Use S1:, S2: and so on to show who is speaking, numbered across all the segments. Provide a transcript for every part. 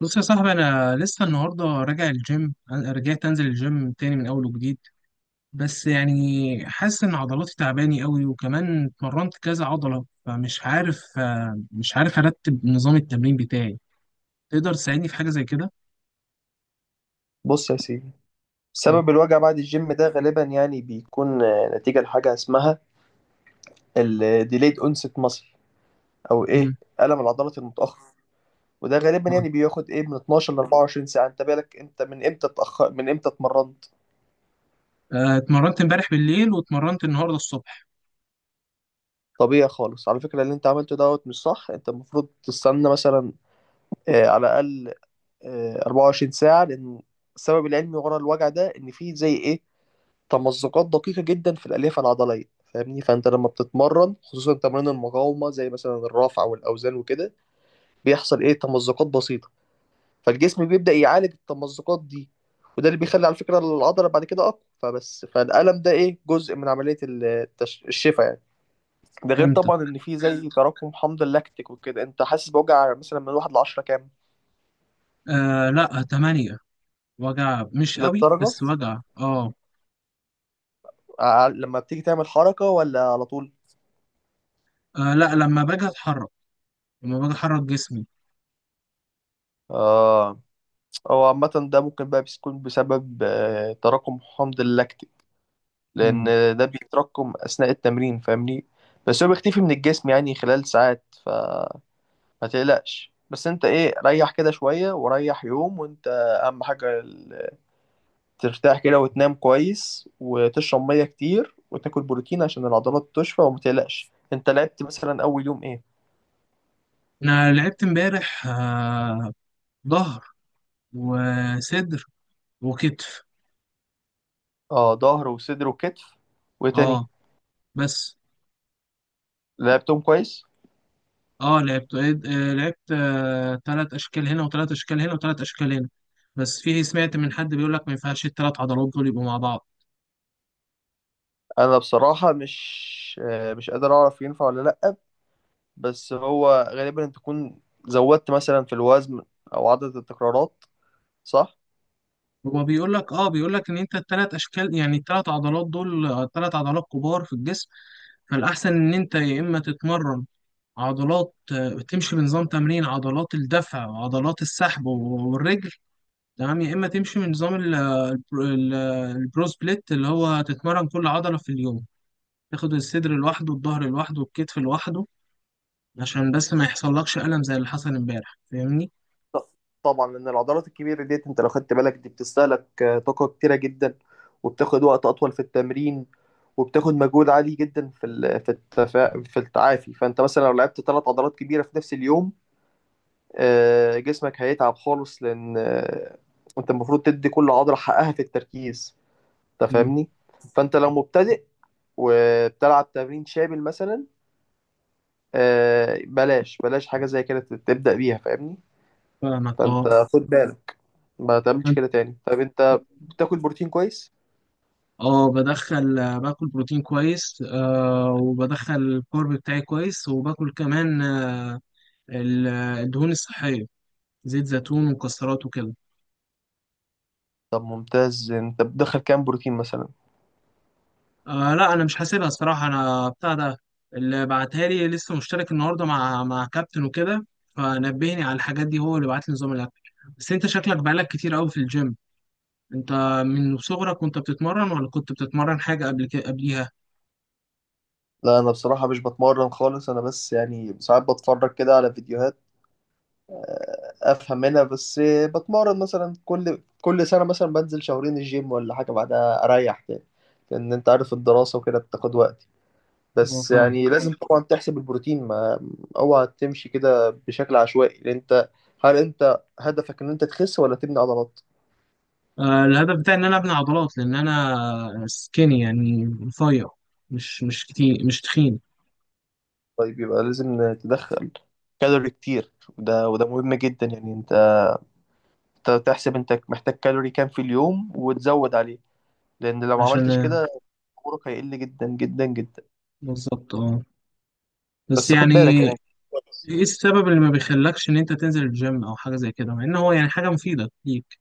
S1: بص يا صاحبي، انا لسه النهارده راجع الجيم، رجعت انزل الجيم تاني من اول وجديد. بس يعني حاسس ان عضلاتي تعباني قوي وكمان اتمرنت كذا عضله، فمش عارف آه، مش عارف ارتب نظام التمرين بتاعي. تقدر تساعدني في حاجه زي كده؟
S2: بص يا سيدي،
S1: مم.
S2: سبب الوجع بعد الجيم ده غالبا يعني بيكون نتيجة لحاجة اسمها ال delayed onset muscle أو إيه،
S1: مم.
S2: ألم العضلات المتأخر. وده غالبا
S1: آه.
S2: يعني بياخد إيه من 12 ل 24 ساعة. أنت بالك من إمتى اتمرنت؟
S1: اتمرنت امبارح بالليل واتمرنت النهارده الصبح.
S2: طبيعي خالص على فكرة، اللي أنت عملته دوت مش صح. أنت المفروض تستنى مثلا على الأقل 24 ساعة، لأن السبب العلمي ورا الوجع ده إن فيه زي إيه، تمزقات دقيقة جدا في الألياف العضلية. فاهمني؟ فأنت لما بتتمرن، خصوصا تمارين المقاومة زي مثلا الرفع والأوزان وكده، بيحصل إيه، تمزقات بسيطة، فالجسم بيبدأ يعالج التمزقات دي، وده اللي بيخلي على فكرة العضلة بعد كده أقوى. فبس فالألم ده إيه، جزء من عملية الشفاء يعني. ده غير
S1: امتى؟
S2: طبعا إن في زي تراكم حمض اللاكتيك وكده. أنت حاسس بوجع مثلا من واحد لعشرة كام؟
S1: آه لا، 8. وجع مش قوي
S2: للدرجة
S1: بس وجع
S2: لما بتيجي تعمل حركة، ولا على طول؟
S1: آه، لا، لما باجي احرك جسمي.
S2: اه، هو عامة ده ممكن بقى بيكون بسبب تراكم حمض اللاكتيك، لأن
S1: مم.
S2: ده بيتراكم أثناء التمرين. فاهمني؟ بس هو بيختفي من الجسم يعني خلال ساعات، فما تقلقش. بس انت ايه، ريح كده شوية وريح يوم، وانت أهم حاجة ترتاح كده وتنام كويس وتشرب مية كتير وتاكل بروتين عشان العضلات تشفى. وما تقلقش. انت لعبت مثلا أول يوم ايه؟
S1: انا لعبت امبارح، ظهر وصدر وكتف.
S2: اه، ظهر وصدر وكتف، وإيه تاني؟
S1: اه، بس
S2: لعبتهم كويس؟
S1: اه لعبت آه لعبت تلات اشكال هنا وتلات اشكال هنا وتلات اشكال هنا. بس فيه، سمعت من حد بيقول لك ما ينفعش التلات عضلات دول يبقوا مع بعض.
S2: انا بصراحة مش قادر اعرف ينفع ولا لأ، بس هو غالبا انت تكون زودت مثلا في الوزن او عدد التكرارات، صح؟
S1: هو بيقول لك ان انت التلات اشكال، يعني التلات عضلات دول تلات عضلات كبار في الجسم. فالاحسن ان انت يا اما تتمرن عضلات، تمشي بنظام تمرين عضلات الدفع وعضلات السحب والرجل، تمام؟ يا اما تمشي من نظام البرو البرو سبليت، اللي هو تتمرن كل عضله في اليوم، تاخد الصدر لوحده والظهر لوحده والكتف لوحده، عشان بس ما يحصلكش الم زي اللي حصل امبارح، فاهمني؟
S2: ط- طبعا، لان العضلات الكبيرة ديت، انت لو خدت بالك، دي بتستهلك طاقة كتيرة جدا، وبتاخد وقت اطول في التمرين، وبتاخد مجهود عالي جدا في في في التعافي. فانت مثلا لو لعبت ثلاث عضلات كبيرة في نفس اليوم، جسمك هيتعب خالص، لان انت المفروض تدي كل عضلة حقها في التركيز، انت
S1: مم.
S2: فاهمني؟ فانت لو مبتدئ وبتلعب تمرين شامل مثلا، بلاش بلاش حاجه زي كده تبدا بيها، فاهمني؟
S1: فاهمك
S2: فانت
S1: اه.
S2: خد بالك ما تعملش
S1: أنت-
S2: كده تاني. طب انت بتاكل بروتين كويس؟
S1: اه بدخل، باكل بروتين كويس، وبدخل الكارب بتاعي كويس، وباكل كمان الدهون الصحيه، زيت زيتون ومكسرات وكده.
S2: طب ممتاز، انت بتدخل كام بروتين مثلا؟
S1: آه لا، انا مش حاسبها الصراحه، انا بتاع ده اللي بعتها لي، لسه مشترك النهارده مع كابتن وكده، فنبهني على الحاجات دي، هو اللي بعت لي نظام الاكل. بس انت شكلك بقالك كتير قوي في الجيم، انت من صغرك وانت بتتمرن ولا كنت بتتمرن حاجه قبل كده قبليها؟
S2: لا، انا بصراحه مش بتمرن خالص. انا بس يعني ساعات بتفرج كده على فيديوهات، افهم منها. بس بتمرن مثلا كل سنه مثلا، بنزل شهرين الجيم ولا حاجه، بعدها اريح كده، لان انت عارف الدراسه وكده بتاخد وقت.
S1: اه
S2: بس
S1: فاهم.
S2: يعني لازم ماشي طبعا تحسب البروتين، ما اوعى تمشي كده بشكل عشوائي، لان انت، هل انت هدفك ان انت تخس ولا تبني عضلات؟
S1: الهدف بتاعي ان انا ابني عضلات، لان انا سكيني يعني رفيع، مش كتير، مش تخين.
S2: طيب يبقى لازم تدخل كالوري كتير، وده مهم جدا يعني. انت تحسب انت محتاج كالوري كام في اليوم وتزود عليه، لان لو ما
S1: عشان.
S2: عملتش كده عمرك هيقل جدا جدا جدا.
S1: بالظبط اه. بس
S2: بس خد
S1: يعني،
S2: بالك يعني.
S1: ايه السبب اللي ما بيخلكش ان انت تنزل الجيم او حاجه زي كده، مع ان هو يعني حاجه مفيده ليك؟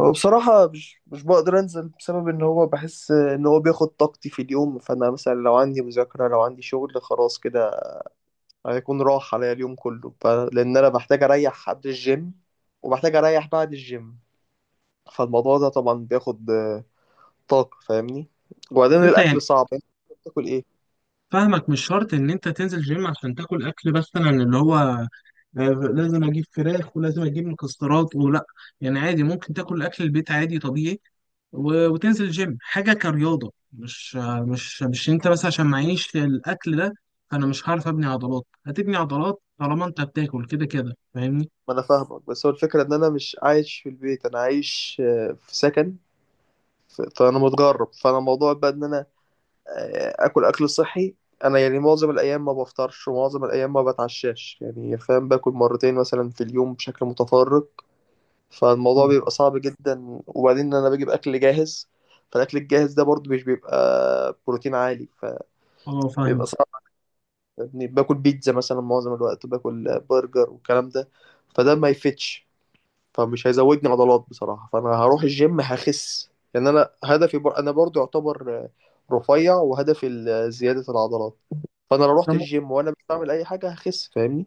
S2: هو بصراحة مش بقدر أنزل بسبب إن هو بحس إن هو بياخد طاقتي في اليوم. فأنا مثلا لو عندي مذاكرة، لو عندي شغل، خلاص كده هيكون راح عليا اليوم كله. لان انا بحتاج اريح قبل الجيم، وبحتاج اريح بعد الجيم، فالموضوع ده طبعا بياخد طاقة، فاهمني؟
S1: بس
S2: وبعدين
S1: انت يعني،
S2: الاكل صعب يعني. أنت بتاكل ايه؟
S1: فاهمك، مش شرط ان انت تنزل جيم عشان تاكل اكل، مثلا اللي هو لازم اجيب فراخ ولازم اجيب مكسرات ولا. يعني عادي، ممكن تاكل اكل البيت عادي طبيعي وتنزل جيم حاجه كرياضه، مش آه، مش مش انت بس عشان معيش الاكل ده فانا مش هعرف ابني عضلات. هتبني عضلات طالما انت بتاكل كده كده، فاهمني؟
S2: ما انا فاهمك، بس هو الفكرة ان انا مش عايش في البيت، انا عايش في سكن. فانا متغرب، فانا موضوع بقى ان انا اكل صحي. انا يعني معظم الايام ما بفطرش ومعظم الايام ما بتعشاش يعني، فاهم؟ باكل مرتين مثلا في اليوم بشكل متفرق، فالموضوع
S1: اه،
S2: بيبقى صعب جدا. وبعدين انا بجيب اكل جاهز، فالاكل الجاهز ده برضو مش بيبقى بروتين عالي،
S1: اه
S2: فبيبقى
S1: فاهم.
S2: صعب. يعني باكل بيتزا مثلا معظم الوقت، باكل برجر والكلام ده، فده ما يفتش، فمش هيزودني عضلات بصراحة. فانا هروح الجيم هخس، لان انا انا برضو يعتبر رفيع، وهدفي زيادة العضلات. فانا لو رحت الجيم وانا مش بعمل اي حاجة هخس، فاهمني؟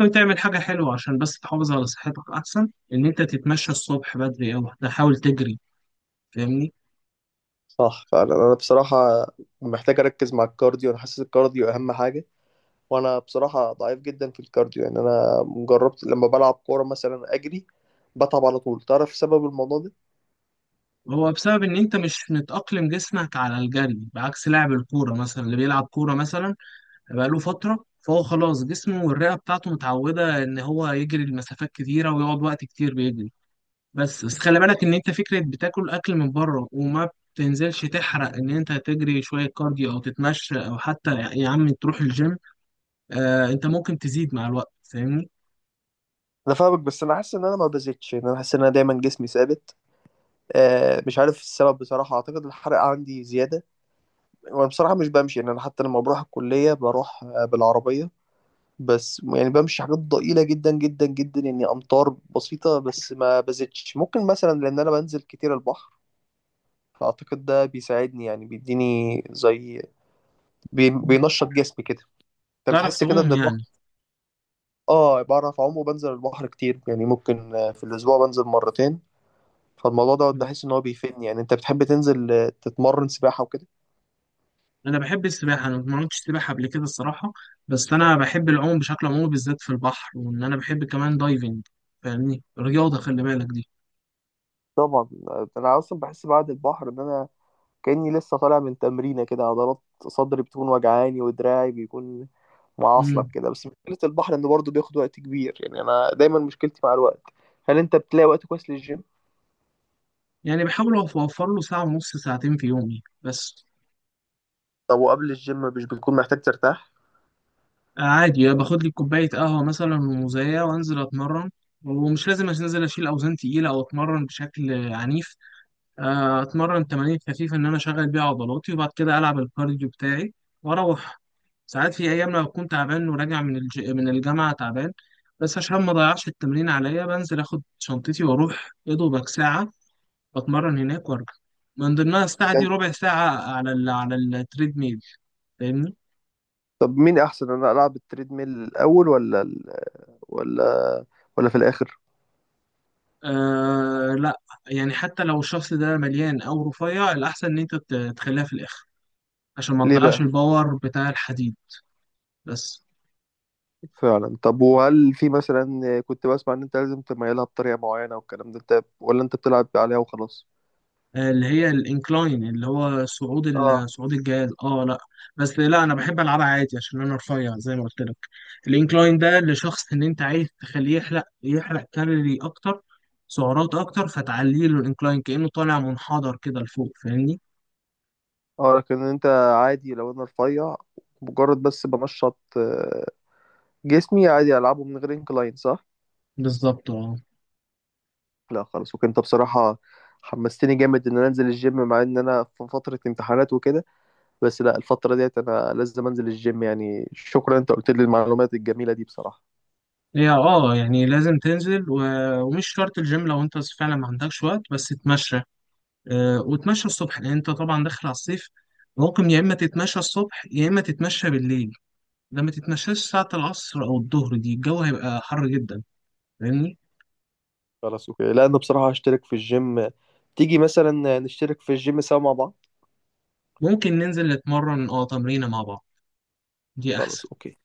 S1: ممكن تعمل حاجة حلوة عشان بس تحافظ على صحتك، أحسن إن أنت تتمشى الصبح بدري أو تحاول تجري، فاهمني؟
S2: صح، فانا بصراحة محتاج اركز مع الكارديو. انا حاسس الكارديو اهم حاجة. وانا بصراحه ضعيف جدا في الكارديو، يعني انا جربت لما بلعب كوره مثلا اجري، بتعب على طول. تعرف سبب الموضوع ده؟
S1: هو بسبب إن أنت مش متأقلم جسمك على الجري، بعكس لاعب الكورة مثلا، اللي بيلعب كورة مثلا بقاله فترة، فهو خلاص جسمه والرئة بتاعته متعودة إن هو يجري لمسافات كتيرة ويقعد وقت كتير بيجري. بس بس خلي بالك إن أنت، فكرة بتاكل أكل من بره وما بتنزلش تحرق، إن أنت تجري شوية كارديو أو تتمشى أو حتى يا عم تروح الجيم، آه أنت ممكن تزيد مع الوقت، فاهمني؟
S2: انا فاهمك، بس انا حاسس ان انا ما بزيدش، يعني انا حاسس ان انا دايما جسمي ثابت، آه، مش عارف السبب بصراحه. اعتقد الحرق عندي زياده. وانا بصراحه مش بمشي، يعني انا حتى لما بروح الكليه بروح بالعربيه، بس يعني بمشي حاجات ضئيله جدا جدا جدا يعني، امتار بسيطه بس، ما بزيدش. ممكن مثلا لان انا بنزل كتير البحر، فاعتقد ده بيساعدني، يعني بيديني زي، بينشط جسمي كده. انت
S1: تعرف
S2: بتحس كده
S1: تعوم
S2: ان البحر؟
S1: يعني؟
S2: اه، بعرف اعوم وبنزل البحر كتير، يعني ممكن في الاسبوع بنزل مرتين، فالموضوع ده
S1: مم.
S2: بحس ان هو بيفيدني. يعني انت بتحب تنزل تتمرن سباحة وكده؟
S1: انا بحب السباحه، انا ما عملتش سباحه قبل كده الصراحه، بس انا بحب العوم بشكل عمومي، بالذات في البحر، وان انا بحب كمان دايفنج، فاهمني؟ رياضه خلي بالك دي.
S2: طبعا. انا اصلا بحس بعد البحر ان انا كاني لسه طالع من تمرينه كده. عضلات صدري بتكون وجعاني ودراعي بيكون معصلك
S1: امم.
S2: كده، بس مشكله البحر انه برضه بياخد وقت كبير، يعني انا دايما مشكلتي مع الوقت. هل انت بتلاقي وقت كويس للجيم؟
S1: يعني بحاول اوفر له ساعه ونص، ساعتين في يومي بس.
S2: طب وقبل الجيم مش بتكون محتاج ترتاح؟
S1: عادي، باخد لي كوبايه قهوه مثلا وموزايه وانزل اتمرن، ومش لازم انزل اشيل اوزان تقيله او اتمرن بشكل عنيف، اتمرن تمارين خفيفه ان انا اشغل بيها عضلاتي، وبعد كده العب الكارديو بتاعي واروح. ساعات في ايام لو كنت تعبان وراجع من الجامعه تعبان، بس عشان ما اضيعش التمرين عليا، بنزل اخد شنطتي واروح يا دوبك ساعه، بتمرن هناك وارجع، من ضمنها الساعه دي
S2: يعني
S1: ربع ساعه على التريد ميل، فاهمني؟
S2: طب مين احسن، انا العب التريدميل الاول، ولا ال... ولا ولا في الاخر؟
S1: آه لا، يعني حتى لو الشخص ده مليان او رفيع، الاحسن ان انت تخليها في الاخر عشان ما
S2: ليه
S1: تضيعش
S2: بقى؟
S1: الباور بتاع الحديد. بس،
S2: فعلا. طب وهل في مثلا، كنت بسمع ان انت لازم تميلها بطريقه معينه والكلام ده، انت ولا انت بتلعب عليها وخلاص؟
S1: اللي هي الانكلاين، اللي هو صعود
S2: اه.
S1: صعود الجهاز. اه لا، بس لا انا بحب العبها عادي عشان انا رفيع زي ما قلت لك. الانكلاين ده لشخص ان انت عايز تخليه يحرق، يحرق كالوري اكتر، سعرات اكتر، فتعلي له الانكلاين كانه طالع منحدر كده لفوق، فاهمني؟
S2: اه لكن انت، عادي لو انا رفيع مجرد بس بنشط جسمي، عادي العبه من غير انكلاين، صح؟
S1: بالظبط اه.
S2: لا خلاص. وكنت بصراحه حمستني جامد ان انا انزل الجيم، مع ان انا في فتره امتحانات وكده، بس لا، الفتره ديت انا لازم انزل الجيم يعني. شكرا، انت قلت لي المعلومات الجميله دي بصراحه.
S1: هي اه، يعني لازم تنزل ومش شرط الجيم، لو انت فعلا ما عندكش وقت بس تتمشى، وتمشى الصبح لان انت طبعا داخل على الصيف. ممكن يا اما تتمشى الصبح يا اما تتمشى بالليل. ده ما تتنساش، ساعة العصر أو الظهر دي الجو هيبقى حر جدا، فاهمني؟
S2: خلاص اوكي. لا انا بصراحة هشترك في الجيم. تيجي مثلا نشترك في الجيم سوا مع بعض؟
S1: ممكن ننزل نتمرن تمرينة مع بعض، دي
S2: خلاص
S1: أحسن.
S2: اوكي.